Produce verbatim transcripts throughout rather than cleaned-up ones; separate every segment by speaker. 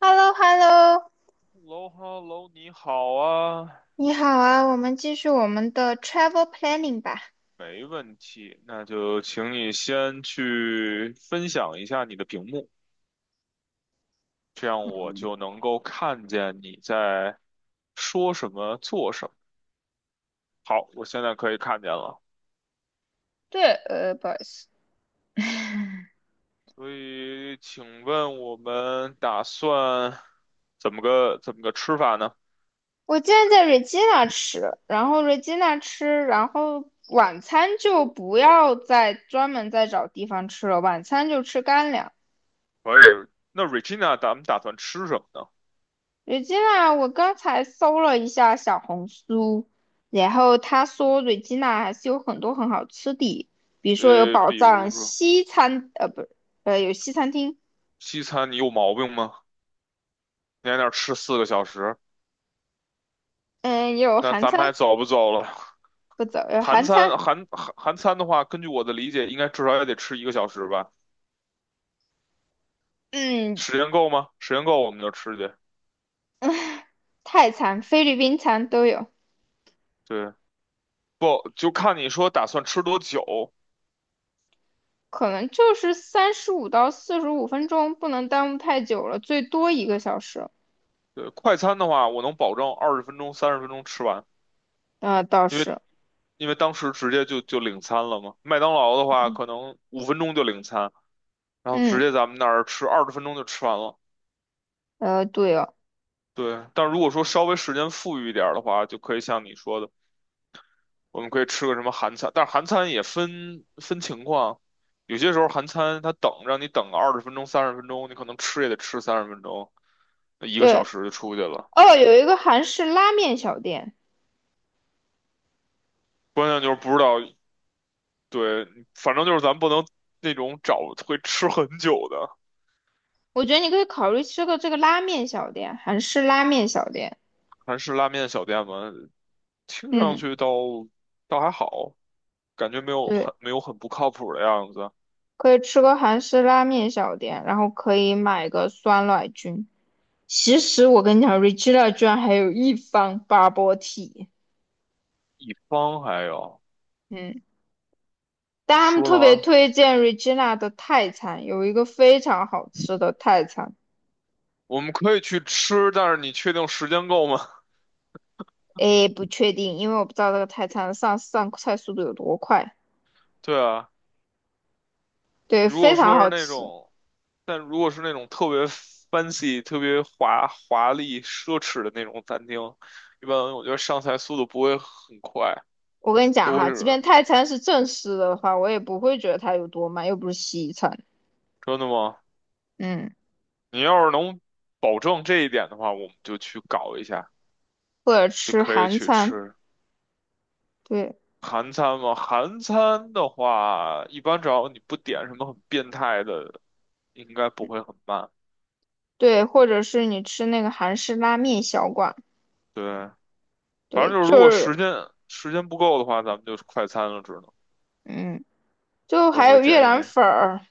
Speaker 1: h e l l o h e l l o
Speaker 2: Hello,Hello,你好啊。
Speaker 1: 你好啊，我们继续我们的 travel planning 吧。
Speaker 2: 没问题。那就请你先去分享一下你的屏幕，这样我
Speaker 1: 嗯，
Speaker 2: 就能够看见你在说什么、做什么。好，我现在可以看见了。
Speaker 1: 对，呃，不好意思，
Speaker 2: 所以，请问我们打算怎么个怎么个吃法呢？
Speaker 1: 我今天在 Regina 吃，然后 Regina 吃，然后晚餐就不要再专门再找地方吃了，晚餐就吃干粮。
Speaker 2: 可以。那 Regina，咱们打算吃什么呢？
Speaker 1: Regina，我刚才搜了一下小红书，然后他说 Regina 还是有很多很好吃的，比如说有
Speaker 2: 呃，
Speaker 1: 宝
Speaker 2: 比如
Speaker 1: 藏
Speaker 2: 说
Speaker 1: 西餐，呃，不是，呃，有西餐厅，
Speaker 2: 西餐，你有毛病吗？你在那儿吃四个小时，
Speaker 1: 嗯，也有
Speaker 2: 那
Speaker 1: 韩
Speaker 2: 咱们还
Speaker 1: 餐，
Speaker 2: 走不走了？
Speaker 1: 不走，有
Speaker 2: 韩
Speaker 1: 韩餐，
Speaker 2: 餐韩韩韩餐的话，根据我的理解，应该至少也得吃一个小时吧？
Speaker 1: 嗯，
Speaker 2: 时间够吗？时间够我们就吃去。
Speaker 1: 泰餐、菲律宾餐都有，
Speaker 2: 对，不就看你说打算吃多久。
Speaker 1: 可能就是三十五到四十五分钟，不能耽误太久了，最多一个小时。
Speaker 2: 对，快餐的话，我能保证二十分钟、三十分钟吃完，
Speaker 1: 啊、倒
Speaker 2: 因为
Speaker 1: 是，
Speaker 2: 因为当时直接就就领餐了嘛。麦当劳的话，可能五分钟就领餐，然后直
Speaker 1: 嗯，
Speaker 2: 接咱们那儿吃二十分钟就吃完了。
Speaker 1: 呃，对哦，
Speaker 2: 对，但如果说稍微时间富裕一点儿的话，就可以像你说的，我们可以吃个什么韩餐，但是韩餐也分分情况，有些时候韩餐他等让你等个二十分钟、三十分钟，你可能吃也得吃三十分钟，一个小
Speaker 1: 对
Speaker 2: 时就出去了。
Speaker 1: 哦，有一个韩式拉面小店，
Speaker 2: 关键就是不知道，对，反正就是咱不能那种找会吃很久的
Speaker 1: 我觉得你可以考虑吃个这个拉面小店，韩式拉面小店。
Speaker 2: 韩式拉面小店嘛，听上
Speaker 1: 嗯，
Speaker 2: 去倒倒还好，感觉没有
Speaker 1: 对，
Speaker 2: 很没有很不靠谱的样子。
Speaker 1: 可以吃个韩式拉面小店，然后可以买个酸奶菌。其实我跟你讲，Regina 居然还有一方 b u b
Speaker 2: 一方还有
Speaker 1: 嗯，但他们
Speaker 2: 说的
Speaker 1: 特
Speaker 2: 好
Speaker 1: 别
Speaker 2: 像
Speaker 1: 推荐 Regina 的泰餐，有一个非常好吃的泰餐。
Speaker 2: 我们可以去吃，但是你确定时间够吗？
Speaker 1: 诶，不确定，因为我不知道这个泰餐上上菜速度有多快。
Speaker 2: 对啊。
Speaker 1: 对，
Speaker 2: 如果
Speaker 1: 非常
Speaker 2: 说是
Speaker 1: 好
Speaker 2: 那
Speaker 1: 吃。
Speaker 2: 种，但如果是那种特别 fancy、特别华华丽、奢侈的那种餐厅，一般我觉得上菜速度不会很快，
Speaker 1: 我跟你讲
Speaker 2: 都会
Speaker 1: 哈，即
Speaker 2: 是
Speaker 1: 便泰餐是正式的话，我也不会觉得它有多慢，又不是西餐。
Speaker 2: 真的吗？
Speaker 1: 嗯，
Speaker 2: 你要是能保证这一点的话，我们就去搞一下，
Speaker 1: 或者
Speaker 2: 就
Speaker 1: 吃
Speaker 2: 可以
Speaker 1: 韩
Speaker 2: 去
Speaker 1: 餐，
Speaker 2: 吃
Speaker 1: 对
Speaker 2: 韩餐嘛。韩餐的话，一般只要你不点什么很变态的，应该不会很慢。
Speaker 1: 对，或者是你吃那个韩式拉面小馆，
Speaker 2: 对，反
Speaker 1: 对，
Speaker 2: 正就是
Speaker 1: 就
Speaker 2: 如果
Speaker 1: 是
Speaker 2: 时间时间不够的话，咱们就是快餐了，只能
Speaker 1: 嗯，就
Speaker 2: 我
Speaker 1: 还
Speaker 2: 会
Speaker 1: 有越
Speaker 2: 建议。
Speaker 1: 南粉儿，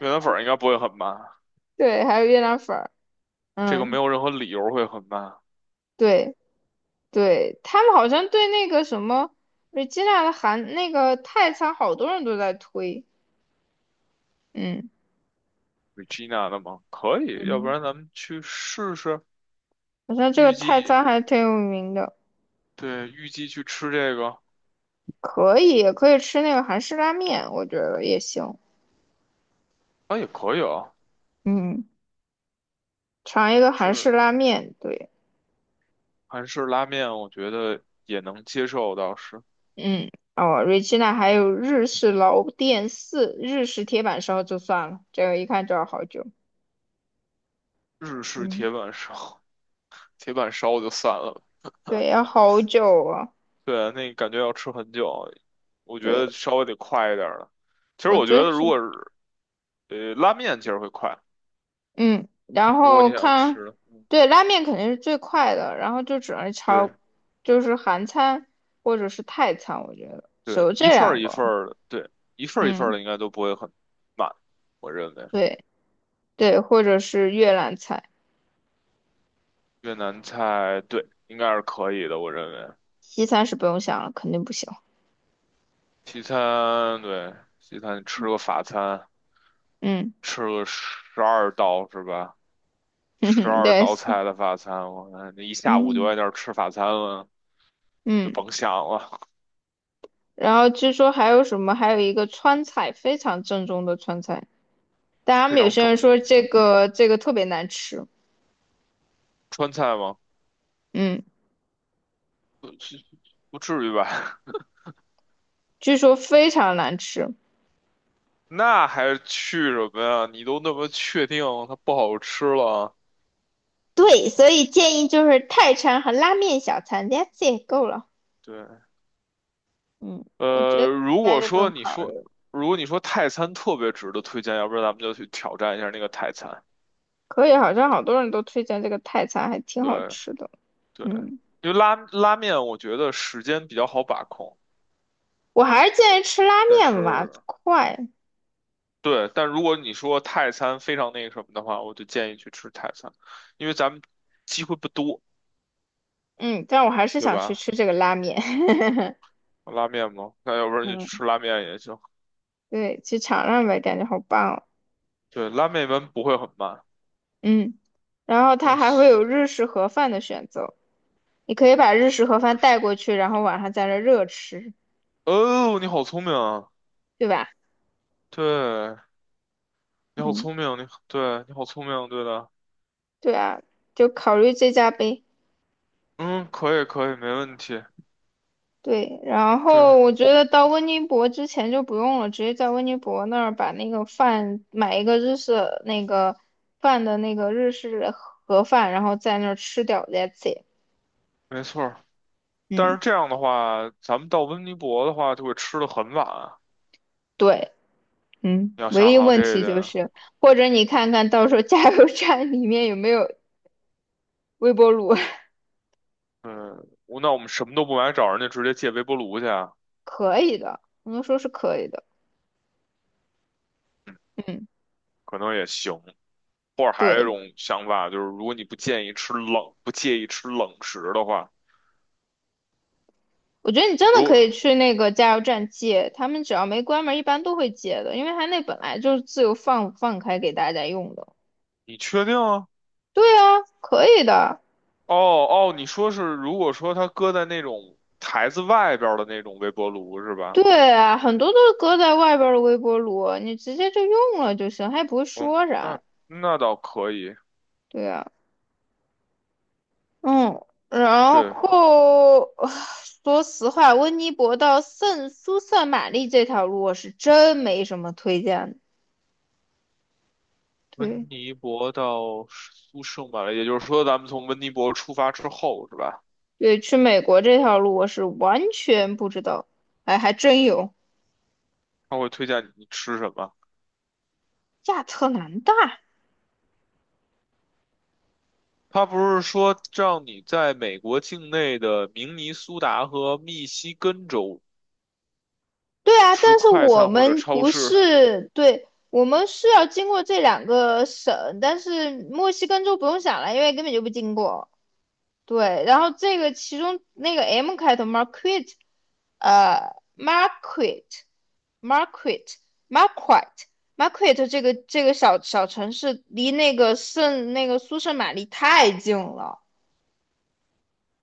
Speaker 2: 越南粉儿应该不会很慢，
Speaker 1: 对，还有越南粉儿，
Speaker 2: 这个没
Speaker 1: 嗯。
Speaker 2: 有任何理由会很慢。
Speaker 1: 对，对，他们好像对那个什么瑞吉娜的韩那个泰餐，好多人都在推，嗯，
Speaker 2: Regina 的吗？可以，要不
Speaker 1: 嗯，
Speaker 2: 然咱们去试试。
Speaker 1: 好像这个
Speaker 2: 预
Speaker 1: 泰
Speaker 2: 计，
Speaker 1: 餐还挺有名的，
Speaker 2: 对，预计去吃这个，
Speaker 1: 可以也可以吃那个韩式拉面，我觉得也行，
Speaker 2: 啊，也可以啊。
Speaker 1: 嗯，尝一个韩式
Speaker 2: 是
Speaker 1: 拉面，对，
Speaker 2: 韩式拉面，我觉得也能接受，倒是
Speaker 1: 嗯，哦瑞吉娜还有日式老店四，日式铁板烧就算了，这个一看就要好久，
Speaker 2: 日式
Speaker 1: 嗯，
Speaker 2: 铁板烧，铁板烧就算了。
Speaker 1: 对，要好久啊，
Speaker 2: 对，那感觉要吃很久，我觉得
Speaker 1: 对，
Speaker 2: 稍微得快一点儿了。其实
Speaker 1: 我
Speaker 2: 我觉
Speaker 1: 觉得。
Speaker 2: 得，如果是呃拉面，其实会快，
Speaker 1: 嗯，然
Speaker 2: 如果你
Speaker 1: 后
Speaker 2: 想要
Speaker 1: 看，
Speaker 2: 吃，嗯
Speaker 1: 对，拉面肯定是最快的，然后就只能
Speaker 2: 对。
Speaker 1: 朝，就是韩餐或者是泰餐，我觉得只
Speaker 2: 对，
Speaker 1: 有
Speaker 2: 一
Speaker 1: 这
Speaker 2: 份
Speaker 1: 两
Speaker 2: 儿一
Speaker 1: 个。
Speaker 2: 份儿的，对，一份儿一份儿
Speaker 1: 嗯，
Speaker 2: 的应该都不会很慢，我认为
Speaker 1: 对对，或者是越南菜，
Speaker 2: 越南菜对应该是可以的，我认为
Speaker 1: 西餐是不用想了，肯定不行。
Speaker 2: 西餐对西餐你吃个法餐，
Speaker 1: 嗯，
Speaker 2: 吃个十二道是吧？
Speaker 1: 哼
Speaker 2: 十
Speaker 1: 哼，
Speaker 2: 二
Speaker 1: 对，
Speaker 2: 道
Speaker 1: 是
Speaker 2: 菜的法餐，我看那一下午就
Speaker 1: 嗯
Speaker 2: 在那儿吃法餐了，就
Speaker 1: 嗯，
Speaker 2: 甭想了，
Speaker 1: 然后据说还有什么，还有一个川菜，非常正宗的川菜，但他
Speaker 2: 非
Speaker 1: 们有
Speaker 2: 常
Speaker 1: 些
Speaker 2: 正
Speaker 1: 人
Speaker 2: 宗
Speaker 1: 说
Speaker 2: 的
Speaker 1: 这
Speaker 2: 川菜。
Speaker 1: 个这个特别难吃，
Speaker 2: 川菜吗？
Speaker 1: 嗯，
Speaker 2: 不不至于吧？
Speaker 1: 据说非常难吃。
Speaker 2: 那还去什么呀？你都那么确定它不好吃了，
Speaker 1: 对，所以建议就是泰餐和拉面小餐 t h a t 够了。
Speaker 2: 对。
Speaker 1: 嗯，我觉得
Speaker 2: 呃，
Speaker 1: 应
Speaker 2: 如
Speaker 1: 该
Speaker 2: 果
Speaker 1: 就不
Speaker 2: 说
Speaker 1: 用
Speaker 2: 你
Speaker 1: 考虑
Speaker 2: 说，
Speaker 1: 了。
Speaker 2: 如果你说泰餐特别值得推荐，要不然咱们就去挑战一下那个泰餐。
Speaker 1: 可以，好像好多人都推荐这个泰餐，还挺好
Speaker 2: 对
Speaker 1: 吃的。
Speaker 2: 对，
Speaker 1: 嗯，
Speaker 2: 因为拉拉面，我觉得时间比较好把控，
Speaker 1: 我还是建议吃拉
Speaker 2: 但
Speaker 1: 面吧，
Speaker 2: 是
Speaker 1: 快。
Speaker 2: 对，但如果你说泰餐非常那个什么的话，我就建议去吃泰餐，因为咱们机会不多，
Speaker 1: 嗯，但我还是
Speaker 2: 对
Speaker 1: 想去
Speaker 2: 吧？
Speaker 1: 吃这个拉面。
Speaker 2: 拉面嘛，那要不然就
Speaker 1: 嗯，
Speaker 2: 吃拉面也行。
Speaker 1: 对，去尝尝呗，感觉好棒哦。
Speaker 2: 对，拉面一般不会很慢。
Speaker 1: 嗯，然后它
Speaker 2: 啊，
Speaker 1: 还会
Speaker 2: 是
Speaker 1: 有日式盒饭的选择，你可以把日式盒饭
Speaker 2: 是
Speaker 1: 带过去，然后晚上在这热吃，
Speaker 2: 哦，你好聪明啊！
Speaker 1: 对吧？
Speaker 2: 对，你好
Speaker 1: 嗯，
Speaker 2: 聪明，你对，你好聪明，对的。
Speaker 1: 对啊，就考虑这家呗。
Speaker 2: 嗯，可以可以，没问题。
Speaker 1: 对，然
Speaker 2: 对，
Speaker 1: 后我觉得到温尼伯之前就不用了，直接在温尼伯那儿把那个饭买一个日式那个饭的那个日式盒饭，然后在那儿吃掉，that's it。
Speaker 2: 没错儿。但是
Speaker 1: 嗯，
Speaker 2: 这样的话，咱们到温尼伯的话就会吃的很晚啊。
Speaker 1: 对，嗯，
Speaker 2: 你要
Speaker 1: 唯
Speaker 2: 想
Speaker 1: 一
Speaker 2: 好
Speaker 1: 问
Speaker 2: 这一
Speaker 1: 题
Speaker 2: 点。
Speaker 1: 就是，或者你看看到时候加油站里面有没有微波炉，
Speaker 2: 嗯，我那我们什么都不买，找人家直接借微波炉去啊
Speaker 1: 可以的，我能说是可以的。嗯，
Speaker 2: 可能也行。或者还有一
Speaker 1: 对。
Speaker 2: 种想法就是，如果你不建议吃冷，不介意吃冷食的话，
Speaker 1: 我觉得你真的
Speaker 2: 如
Speaker 1: 可以
Speaker 2: 果
Speaker 1: 去那个加油站借，他们只要没关门，一般都会借的，因为他那本来就是自由放放开给大家用的。
Speaker 2: 你确定啊？
Speaker 1: 对啊，可以的。
Speaker 2: 哦哦，你说是如果说它搁在那种台子外边儿的那种微波炉是吧？
Speaker 1: 对啊，很多都是搁在外边儿的微波炉，你直接就用了就行，他也不会
Speaker 2: 嗯，
Speaker 1: 说
Speaker 2: 那
Speaker 1: 啥。
Speaker 2: 那倒可以。
Speaker 1: 对啊，嗯，然
Speaker 2: 对，
Speaker 1: 后 说实话，温尼伯到圣苏塞玛丽这条路我是真没什么推荐的
Speaker 2: 温
Speaker 1: 对
Speaker 2: 尼伯到苏圣马力，也就是说，咱们从温尼伯出发之后，是吧？
Speaker 1: 对，去美国这条路我是完全不知道，哎，还真有。
Speaker 2: 他会推荐你吃什么？
Speaker 1: 亚特兰大，
Speaker 2: 他不是说让你在美国境内的明尼苏达和密西根州
Speaker 1: 对啊，
Speaker 2: 吃
Speaker 1: 但是
Speaker 2: 快
Speaker 1: 我
Speaker 2: 餐或者
Speaker 1: 们
Speaker 2: 超
Speaker 1: 不
Speaker 2: 市？
Speaker 1: 是，对，我们是要经过这两个省，但是墨西哥州不用想了，因为根本就不经过。对，然后这个其中那个 M 开头 m a r q u e t 呃 m a r q u e t m a r q u e t m a r q u e t m a r q u e t 这个这个小小城市离那个圣那个苏圣玛丽太近了。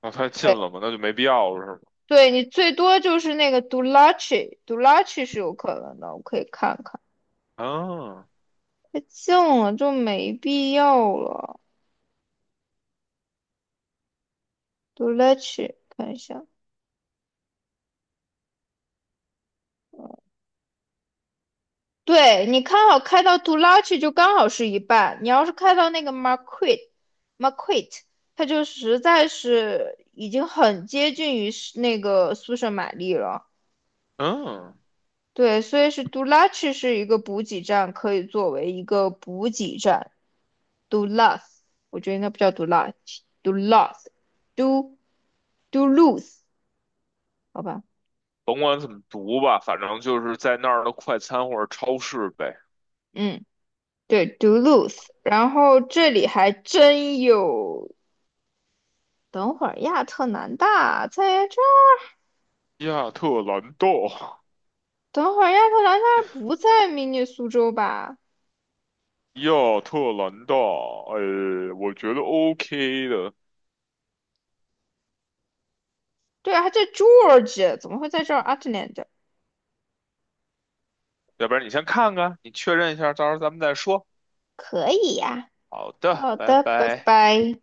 Speaker 2: 那太近
Speaker 1: 对，
Speaker 2: 了嘛，那就没必要了，是吗？
Speaker 1: 对你最多就是那个 Dulac，Dulac 是有可能的，我可以看看。
Speaker 2: 啊，
Speaker 1: 太近了就没必要了。杜拉奇，看一下，对你看好开到杜拉奇就刚好是一半，你要是开到那个 Marquette，Marquette，它就实在是已经很接近于是那个苏舍玛丽了。
Speaker 2: 嗯，
Speaker 1: 对，所以是杜拉奇是一个补给站，可以作为一个补给站。杜拉斯，我觉得应该不叫杜拉奇，杜拉斯，杜杜鲁斯，好吧，
Speaker 2: 甭管怎么读吧，反正就是在那儿的快餐或者超市呗。
Speaker 1: 嗯。对，Duluth，然后这里还真有。等会儿亚特兰大在这儿，
Speaker 2: 亚特兰大，
Speaker 1: 等会儿亚特兰大不在明尼苏州吧？
Speaker 2: 亚特兰大，哎，我觉得 O K 的。
Speaker 1: 对啊，还在 Georgia，怎么会在这儿 Atlanta？
Speaker 2: 要不然你先看看，你确认一下，到时候咱们再说。
Speaker 1: 可以呀、
Speaker 2: 好的，
Speaker 1: 好
Speaker 2: 拜
Speaker 1: 的，拜
Speaker 2: 拜。
Speaker 1: 拜。